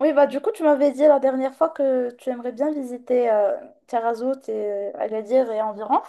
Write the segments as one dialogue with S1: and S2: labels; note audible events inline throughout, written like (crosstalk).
S1: Oui, bah du coup, tu m'avais dit la dernière fois que tu aimerais bien visiter Tarazout et Agadir et environ.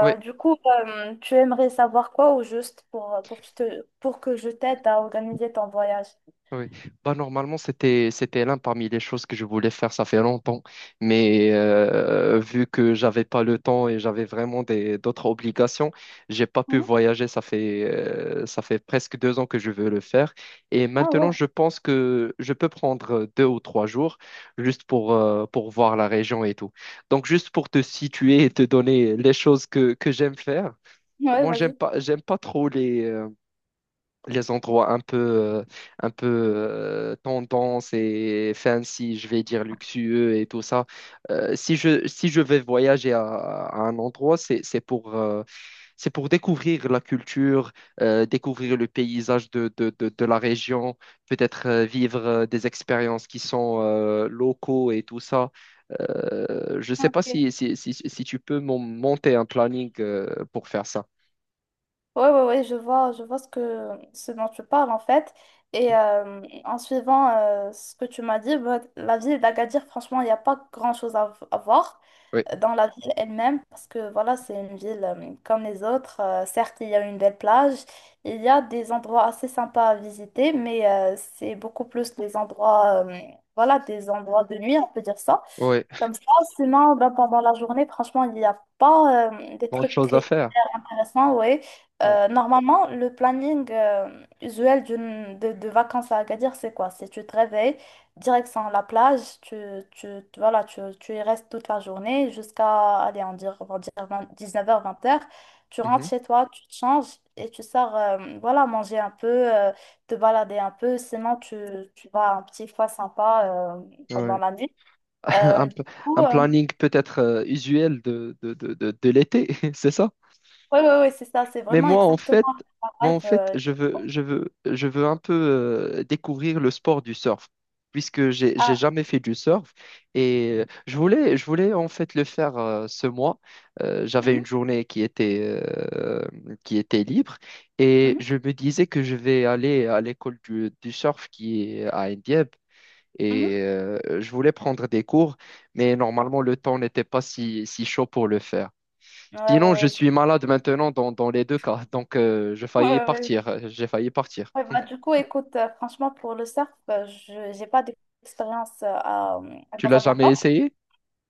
S2: Oui,
S1: du coup, euh, tu aimerais savoir quoi au juste pour, pour que je t'aide à organiser ton voyage?
S2: oui, bah normalement c'était l'un parmi les choses que je voulais faire ça fait longtemps, mais vu que j'avais pas le temps et j'avais vraiment des d'autres obligations, j'ai pas pu
S1: Mhm.
S2: voyager. Ça fait presque 2 ans que je veux le faire et
S1: Ah
S2: maintenant
S1: bon?
S2: je pense que je peux prendre 2 ou 3 jours juste pour voir la région et tout. Donc juste pour te situer et te donner les choses que j'aime faire.
S1: Ouais,
S2: Moi j'aime
S1: vas-y.
S2: pas j'aime pas trop les endroits un peu tendance et fancy, je vais dire luxueux et tout ça. Si je vais voyager à un endroit, c'est pour découvrir la culture, découvrir le paysage de la région, peut-être vivre des expériences qui sont locaux et tout ça. Je ne sais pas si tu peux monter un planning pour faire ça.
S1: Ouais, ouais, ouais, je vois ce dont tu parles en fait. En suivant ce que tu m'as dit, bah, la ville d'Agadir, franchement, il n'y a pas grand-chose à voir
S2: Oui,
S1: dans la ville elle-même parce que voilà, c'est une ville comme les autres. Certes, il y a une belle plage, il y a des endroits assez sympas à visiter, mais c'est beaucoup plus les endroits, voilà, des endroits de nuit, on peut dire ça.
S2: oui,
S1: Comme ça, sinon, bah, pendant la journée, franchement, il n'y a pas des
S2: grande
S1: trucs
S2: chose à faire.
S1: intéressant, oui.
S2: Oui.
S1: Normalement, le planning usuel de vacances à Agadir, c'est quoi? C'est tu te réveilles, direction la plage, voilà, tu y restes toute la journée jusqu'à, allez, on va dire 19h, 20h. Tu rentres
S2: Mhm.
S1: chez toi, tu te changes et tu sors, voilà, manger un peu, te balader un peu. Sinon, tu vas à un petit foie sympa pendant
S2: Ouais.
S1: la nuit.
S2: (laughs) Un,
S1: Euh, du
S2: p-
S1: coup,
S2: un
S1: oui,
S2: planning peut-être usuel de l'été, (laughs) c'est ça?
S1: oui, oui, c'est ça. C'est
S2: Mais
S1: vraiment
S2: moi, en
S1: exactement
S2: fait,
S1: la
S2: moi,
S1: vibe.
S2: en fait, je veux un peu découvrir le sport du surf, puisque j'ai
S1: Ah.
S2: jamais fait du surf et je voulais en fait le faire ce mois. J'avais une
S1: Mhm.
S2: journée euh, qui était libre et
S1: Mhm,
S2: je me disais que je vais aller à l'école du surf qui est à Indieb. Et
S1: mhm.
S2: je voulais prendre des cours, mais normalement le temps n'était pas si chaud pour le faire.
S1: Ouais,
S2: Sinon,
S1: ouais,
S2: je
S1: ouais,
S2: suis malade maintenant dans les deux cas. Donc, je
S1: ouais,
S2: failli
S1: ouais. Ouais, ouais.
S2: partir. J'ai failli partir.
S1: Ouais, bah, du coup, écoute, franchement, pour le surf, je j'ai pas d'expérience à
S2: Tu l'as jamais
S1: Casablanca.
S2: essayé?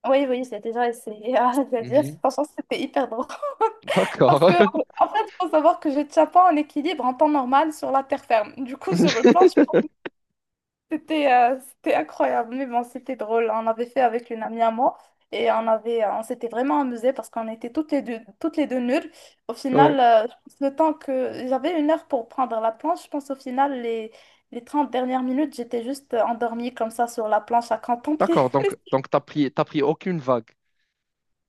S1: Oui, oui, j'ai déjà essayé à (laughs) le dire
S2: Mhm.
S1: franchement, c'était hyper drôle. (laughs) Parce
S2: D'accord.
S1: que, en fait, il faut savoir que je ne tiens pas en équilibre en temps normal sur la terre ferme. Du coup, sur une planche,
S2: (laughs)
S1: c'était incroyable, mais bon, c'était drôle. On avait fait avec une amie à moi et on s'était vraiment amusé parce qu'on était toutes les deux nulles. Au
S2: Ouais.
S1: final, euh, je pense le temps que j'avais 1 heure pour prendre la planche, je pense au final, les 30 dernières minutes, j'étais juste endormie comme ça sur la planche à contempler.
S2: D'accord.
S1: (laughs)
S2: Donc, t'as pris aucune vague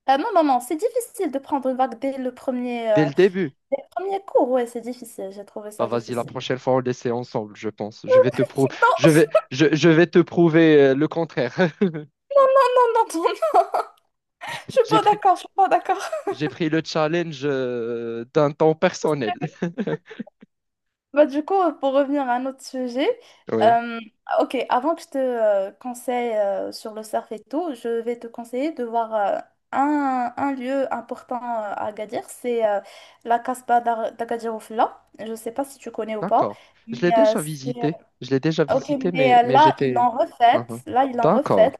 S1: Non, non, non, c'est difficile de prendre une vague
S2: dès le début.
S1: dès le premier cours. Ouais, c'est difficile, j'ai trouvé
S2: Bah,
S1: ça
S2: vas-y, la
S1: difficile.
S2: prochaine fois, on l'essaie ensemble, je pense. Je vais te prou-
S1: Non,
S2: je vais te prouver le contraire. (laughs)
S1: non, non, (laughs) je suis
S2: J'ai
S1: pas
S2: pris,
S1: d'accord, je suis pas d'accord.
S2: j'ai pris le challenge d'un temps personnel. (laughs)
S1: Bah, du coup, pour revenir à un autre sujet,
S2: Oui.
S1: euh, ok, avant que je te conseille sur le surf et tout, je vais te conseiller de voir un lieu important à Agadir, c'est la Casbah d'Agadir Oufla. Je ne sais pas si tu connais ou pas,
S2: D'accord. Je
S1: mais
S2: l'ai déjà visité. Je l'ai déjà
S1: ok,
S2: visité,
S1: mais
S2: mais, mais
S1: là, ils
S2: j'étais...
S1: l'ont refaite,
S2: Mhm.
S1: là, ils l'ont
S2: D'accord.
S1: refaite,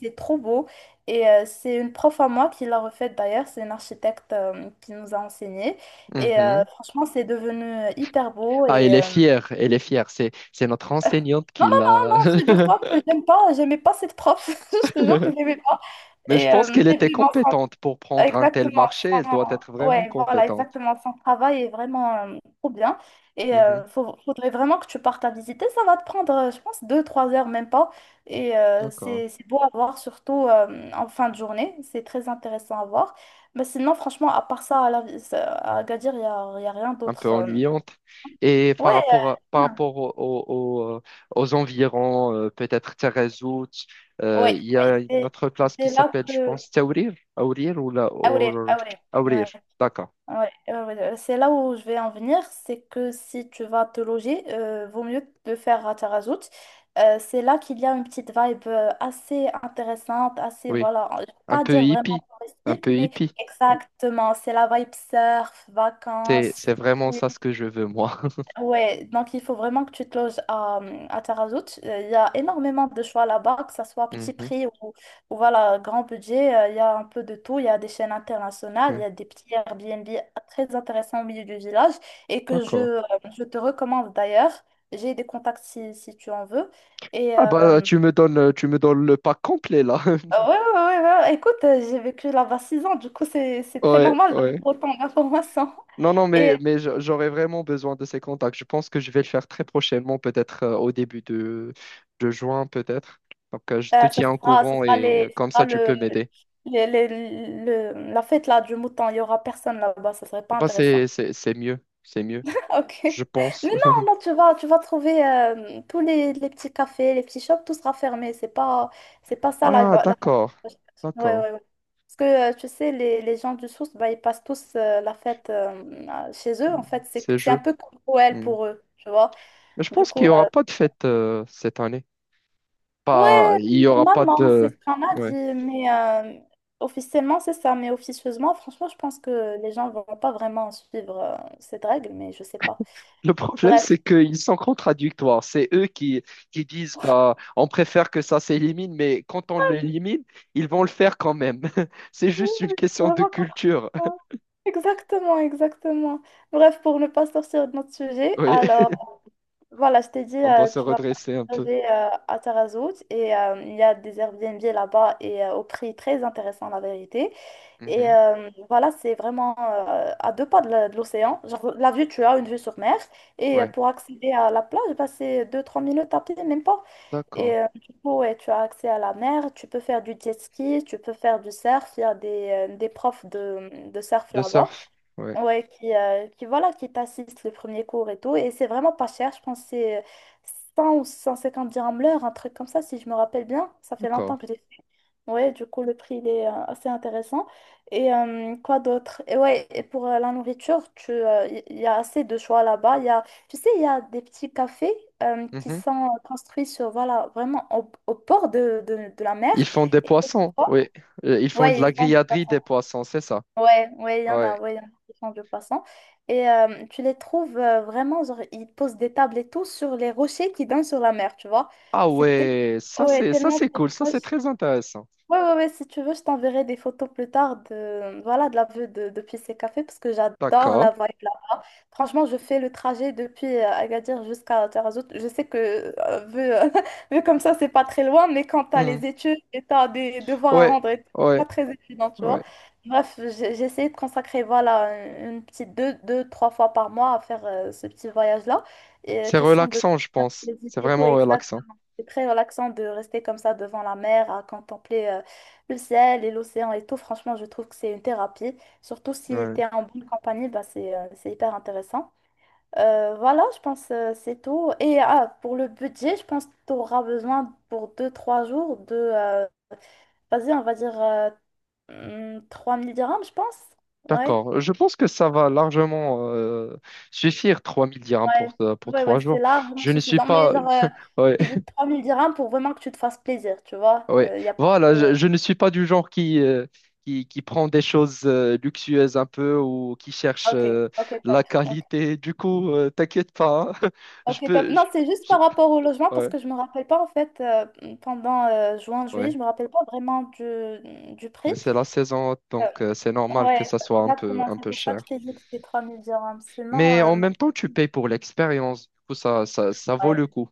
S1: c'est trop beau, et c'est une prof à moi qui l'a refaite d'ailleurs, c'est une architecte qui nous a enseigné.
S2: Mhm.
S1: Franchement, c'est devenu hyper beau
S2: Ah, elle
S1: et
S2: est fière. Elle est fière. C'est notre enseignante
S1: non,
S2: qui
S1: non,
S2: l'a.
S1: non, non, figure-toi que j'aimais pas cette prof. (laughs) Je te jure que
S2: (laughs)
S1: j'aimais pas.
S2: Mais je pense qu'elle
S1: Mais
S2: était
S1: vraiment,
S2: compétente pour prendre un tel
S1: exactement,
S2: marché. Elle doit être vraiment
S1: ouais, voilà,
S2: compétente.
S1: exactement, son travail est vraiment trop bien.
S2: Mhm.
S1: Faudrait vraiment que tu partes à visiter. Ça va te prendre, je pense, deux, trois heures, même pas. Et
S2: D'accord.
S1: c'est beau à voir, surtout en fin de journée. C'est très intéressant à voir. Mais sinon, franchement, à part ça, à Agadir, il y a rien
S2: Un peu
S1: d'autre.
S2: ennuyante. Et par
S1: Ouais,
S2: rapport à-
S1: euh,
S2: par rapport au- au- au- aux environs, peut-être Taghazout,
S1: ouais,
S2: il y a
S1: ouais,
S2: une
S1: c'est
S2: autre place qui
S1: c'est là
S2: s'appelle,
S1: que.
S2: je pense, Taourir, Aourir ou
S1: Aurel, Aurel,
S2: Aourir,
S1: ouais,
S2: d'accord,
S1: ouais, ouais, ouais, ouais. C'est là où je vais en venir, c'est que si tu vas te loger, vaut mieux le faire à Tarazout. C'est là qu'il y a une petite vibe assez intéressante, assez,
S2: oui,
S1: voilà, je vais
S2: un
S1: pas
S2: peu
S1: dire vraiment
S2: hippie, un
S1: touristique,
S2: peu
S1: mais
S2: hippie.
S1: exactement, c'est la vibe surf,
S2: C'est
S1: vacances.
S2: c'est vraiment ça ce que je veux moi. (laughs)
S1: Ouais, donc il faut vraiment que tu te loges à Tarazout. Il y a énormément de choix là-bas, que ce soit petit
S2: Mhm,
S1: prix ou voilà, grand budget. Il y a un peu de tout. Il y a des chaînes internationales, il
S2: ouais,
S1: y a des petits Airbnb très intéressants au milieu du village et que je,
S2: d'accord.
S1: euh, je te recommande d'ailleurs. J'ai des contacts si tu en veux. Et
S2: Ah bah
S1: euh,
S2: tu me donnes le pack complet là. (laughs)
S1: ouais, ouais, ouais, ouais. Ouais. Écoute, j'ai vécu là-bas 6 ans, du coup c'est très
S2: Ouais,
S1: normal d'avoir
S2: ouais.
S1: autant d'informations.
S2: Non, non, mais j'aurais vraiment besoin de ces contacts. Je pense que je vais le faire très prochainement, peut-être au début de juin, peut-être. Donc, je te
S1: Euh, ça
S2: tiens au
S1: sera, ça
S2: courant
S1: sera
S2: et
S1: les, ça
S2: comme
S1: sera
S2: ça, tu
S1: le,
S2: peux m'aider.
S1: les- le- la fête là du mouton. Il y aura personne là-bas. Ça serait pas
S2: Bah, c'est,
S1: intéressant.
S2: c'est, c'est mieux, c'est mieux,
S1: (laughs) Ok.
S2: je
S1: Mais
S2: pense. (laughs)
S1: non, non, tu vas trouver tous les petits cafés, les petits shops, tout sera fermé. C'est pas ça la,
S2: Ah,
S1: la...
S2: d'accord,
S1: Ouais,
S2: d'accord.
S1: ouais, ouais. Parce que tu sais, les gens du Sousse, bah, ils passent tous la fête chez eux. En
S2: Mm.
S1: fait, c'est,
S2: Ces
S1: c'est un
S2: jeux.
S1: peu comme Noël
S2: Mm.
S1: pour eux, tu vois.
S2: Mais je
S1: Du
S2: pense qu'il
S1: coup,
S2: n'y aura
S1: euh,
S2: pas de fête cette année. Pas,
S1: Ouais,
S2: il n'y aura pas
S1: normalement, c'est
S2: de...
S1: ce qu'on a dit,
S2: Ouais.
S1: mais officiellement, c'est ça. Mais officieusement, franchement, je pense que les gens vont pas vraiment suivre cette règle, mais je sais pas.
S2: Le problème, c'est
S1: Bref.
S2: qu'ils sont contradictoires. C'est eux qui disent, bah, on préfère que ça s'élimine, mais quand on l'élimine, ils vont le faire quand même. (laughs) C'est juste une question de
S1: Vraiment
S2: culture.
S1: content.
S2: (laughs)
S1: Exactement, exactement. Bref, pour ne pas sortir de notre sujet,
S2: Oui,
S1: alors, voilà, je t'ai dit,
S2: on doit se
S1: tu vas
S2: redresser un peu.
S1: partager à Tarazout il y a des Airbnb là-bas au prix très intéressant, la vérité.
S2: Mhm.
S1: Voilà, c'est vraiment à deux pas de l'océan. Genre, la vue, tu as une vue sur mer. Et
S2: Ouais,
S1: pour accéder à la plage, bah, c'est 2-3 minutes à pied, même pas.
S2: d'accord.
S1: Du coup, ouais, tu as accès à la mer, tu peux faire du jet ski, tu peux faire du surf. Il y a des profs de surf
S2: De
S1: là-bas.
S2: surf. Ouais,
S1: Ouais, voilà, qui t'assiste le premier cours et tout. Et c'est vraiment pas cher, je pense que c'est 100 ou 150 dirhams l'heure, un truc comme ça, si je me rappelle bien. Ça fait
S2: d'accord.
S1: longtemps que j'ai fait. Ouais, du coup, le prix, il est assez intéressant. Et quoi d'autre? Et ouais, et pour la nourriture, tu, y il y a assez de choix là-bas. Tu sais, il y a des petits cafés qui
S2: Mhm.
S1: sont construits sur, voilà, vraiment au bord de la mer.
S2: Ils font des
S1: Et,
S2: poissons. Oui. Ils font de
S1: ouais,
S2: la
S1: ils vendent.
S2: grilladerie des poissons, c'est ça.
S1: Ouais, ouais, il y en a,
S2: Ouais.
S1: ouais, il y en a qui font du poisson. Tu les trouves vraiment, genre, ils posent des tables et tout sur les rochers qui donnent sur la mer, tu vois.
S2: Ah
S1: C'est tel-
S2: ouais, ça
S1: ouais,
S2: c'est ça
S1: tellement
S2: c'est
S1: c'est
S2: cool, ça
S1: proche.
S2: c'est très intéressant.
S1: Ouais, ouais, ouais, si tu veux, je t'enverrai des photos plus tard voilà, de la vue depuis ces cafés parce que j'adore
S2: D'accord.
S1: la vibe là-bas. Franchement, je fais le trajet depuis Agadir jusqu'à Tarazout. Je sais que, (laughs) vu comme ça, c'est pas très loin, mais quand t'as
S2: Mhm.
S1: les études et t'as des devoirs à
S2: Ouais,
S1: rendre, et tout, c'est
S2: ouais,
S1: pas très évident, tu vois.
S2: ouais.
S1: Bref, j'ai essayé de consacrer, voilà, une petite deux, trois fois par mois à faire ce petit voyage-là.
S2: C'est
S1: Question de
S2: relaxant, je pense. C'est
S1: visiter et tout,
S2: vraiment relaxant.
S1: exactement. C'est très relaxant de rester comme ça devant la mer à contempler le ciel et l'océan et tout, franchement, je trouve que c'est une thérapie. Surtout si
S2: Ouais.
S1: tu es en bonne compagnie, bah, c'est hyper intéressant. Voilà, je pense c'est tout. Et ah, pour le budget, je pense que tu auras besoin pour deux trois jours vas-y, on va dire 3 000 dirhams, je pense. Ouais,
S2: D'accord. Je pense que ça va largement suffire 3000 dirhams
S1: ouais,
S2: pour
S1: ouais, ouais,
S2: 3
S1: c'est
S2: jours.
S1: largement
S2: Je ne suis
S1: suffisant. Mais
S2: pas...
S1: genre,
S2: (laughs) Ouais,
S1: je t'ai dit 3 000 dirhams pour vraiment que tu te fasses plaisir, tu vois.
S2: ouais.
S1: Il n'y a pas
S2: Voilà,
S1: de.
S2: je ne suis pas du genre qui prend des choses luxueuses un peu ou qui cherche
S1: Ok, ok, top.
S2: la
S1: Ok.
S2: qualité. Du coup, t'inquiète pas, hein. (laughs)
S1: Ok,
S2: Je
S1: top.
S2: peux...
S1: Non, c'est juste
S2: Je-
S1: par rapport au logement parce
S2: Ouais,
S1: que je me rappelle pas en fait pendant juin, juillet,
S2: ouais.
S1: je me rappelle pas vraiment du prix.
S2: Mais c'est la saison,
S1: Euh,
S2: donc c'est normal
S1: ouais,
S2: que ça soit
S1: exactement.
S2: un
S1: C'est
S2: peu
S1: pour ça que
S2: cher.
S1: je t'ai dit que c'était 3 000 dirhams. Sinon,
S2: Mais en
S1: non.
S2: même temps, tu payes pour l'expérience. Du coup, ça vaut
S1: Ouais.
S2: le coup.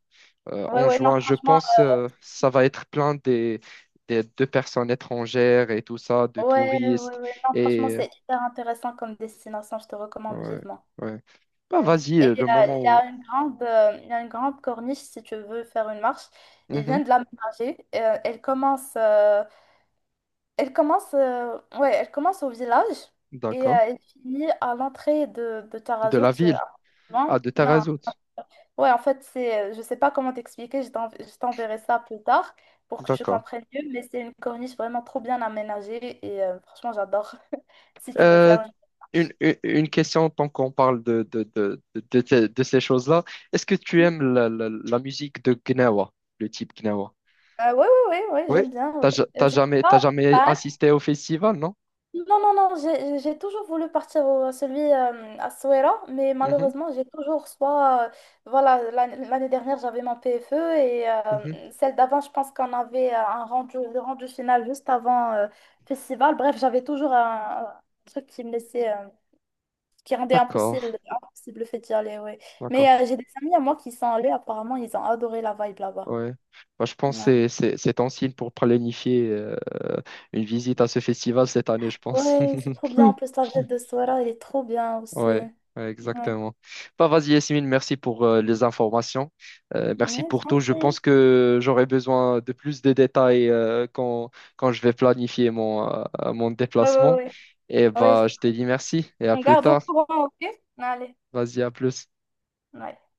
S1: ouais,
S2: En
S1: ouais, non,
S2: juin, je
S1: franchement,
S2: pense, ça va être plein de personnes étrangères et tout ça, de
S1: Ouais, ouais,
S2: touristes.
S1: ouais, non, franchement,
S2: Et
S1: c'est hyper intéressant comme destination. Je te recommande
S2: ouais,
S1: vivement.
S2: ouais. Bah,
S1: Ouais.
S2: vas-y, le moment où.
S1: Il y a une grande corniche si tu veux faire une marche. Ils
S2: Mhm,
S1: viennent de l'aménager. Elle commence au village
S2: d'accord.
S1: elle finit à l'entrée de
S2: De
S1: Tarazout.
S2: la ville. Ah,
S1: Loin.
S2: de
S1: Non,
S2: Tarazout.
S1: ouais, en fait, je sais pas comment t'expliquer, je t'enverrai ça plus tard pour que tu
S2: D'accord.
S1: comprennes mieux, mais c'est une corniche vraiment trop bien aménagée et franchement, j'adore. (laughs) Si tu veux
S2: Euh,
S1: faire une
S2: une,
S1: démarche.
S2: une, une question, tant qu'on parle de ces choses-là, est-ce que tu
S1: Oui,
S2: aimes la musique de Gnawa, le type Gnawa?
S1: oui, oui, ouais, ouais, ouais, ouais, ouais,
S2: Oui,
S1: j'aime bien.
S2: t'as,
S1: Ouais.
S2: ja-
S1: Je
S2: t'as
S1: suis
S2: jamais, t'as
S1: pas
S2: jamais
S1: fan.
S2: assisté au festival, non?
S1: Non, non, non, j'ai toujours voulu partir à celui à Souera, mais
S2: Mhm,
S1: malheureusement, j'ai toujours soit, voilà, l'année dernière, j'avais mon PFE et
S2: mhm.
S1: celle d'avant, je pense qu'on avait le rendu final juste avant festival. Bref, j'avais toujours un truc qui me laissait, qui rendait
S2: D'accord,
S1: impossible, impossible le fait d'y aller, ouais. Mais
S2: d'accord.
S1: euh, j'ai des amis à moi qui sont allés, apparemment, ils ont adoré la vibe là-bas.
S2: Ouais. Bah, je pense que
S1: Ouais,
S2: c'est un signe pour planifier une visite à ce festival cette année, je pense. (laughs)
S1: ouais, c'est trop bien.
S2: Mm.
S1: En plus, la ville de Souera, elle est trop bien aussi.
S2: Ouais, ouais,
S1: Ouais.
S2: exactement. Bah, vas-y, Yasmine, merci pour les informations. Merci
S1: Mais je
S2: pour
S1: t'en
S2: tout. Je
S1: prie.
S2: pense que j'aurai besoin de plus de détails quand je vais planifier mon
S1: Ouais, ouais,
S2: déplacement.
S1: ouais.
S2: Et
S1: Ouais.
S2: bah, je te dis merci et à
S1: On
S2: plus
S1: garde au
S2: tard.
S1: courant, ok? Allez.
S2: Vas-y, à plus.
S1: Ouais.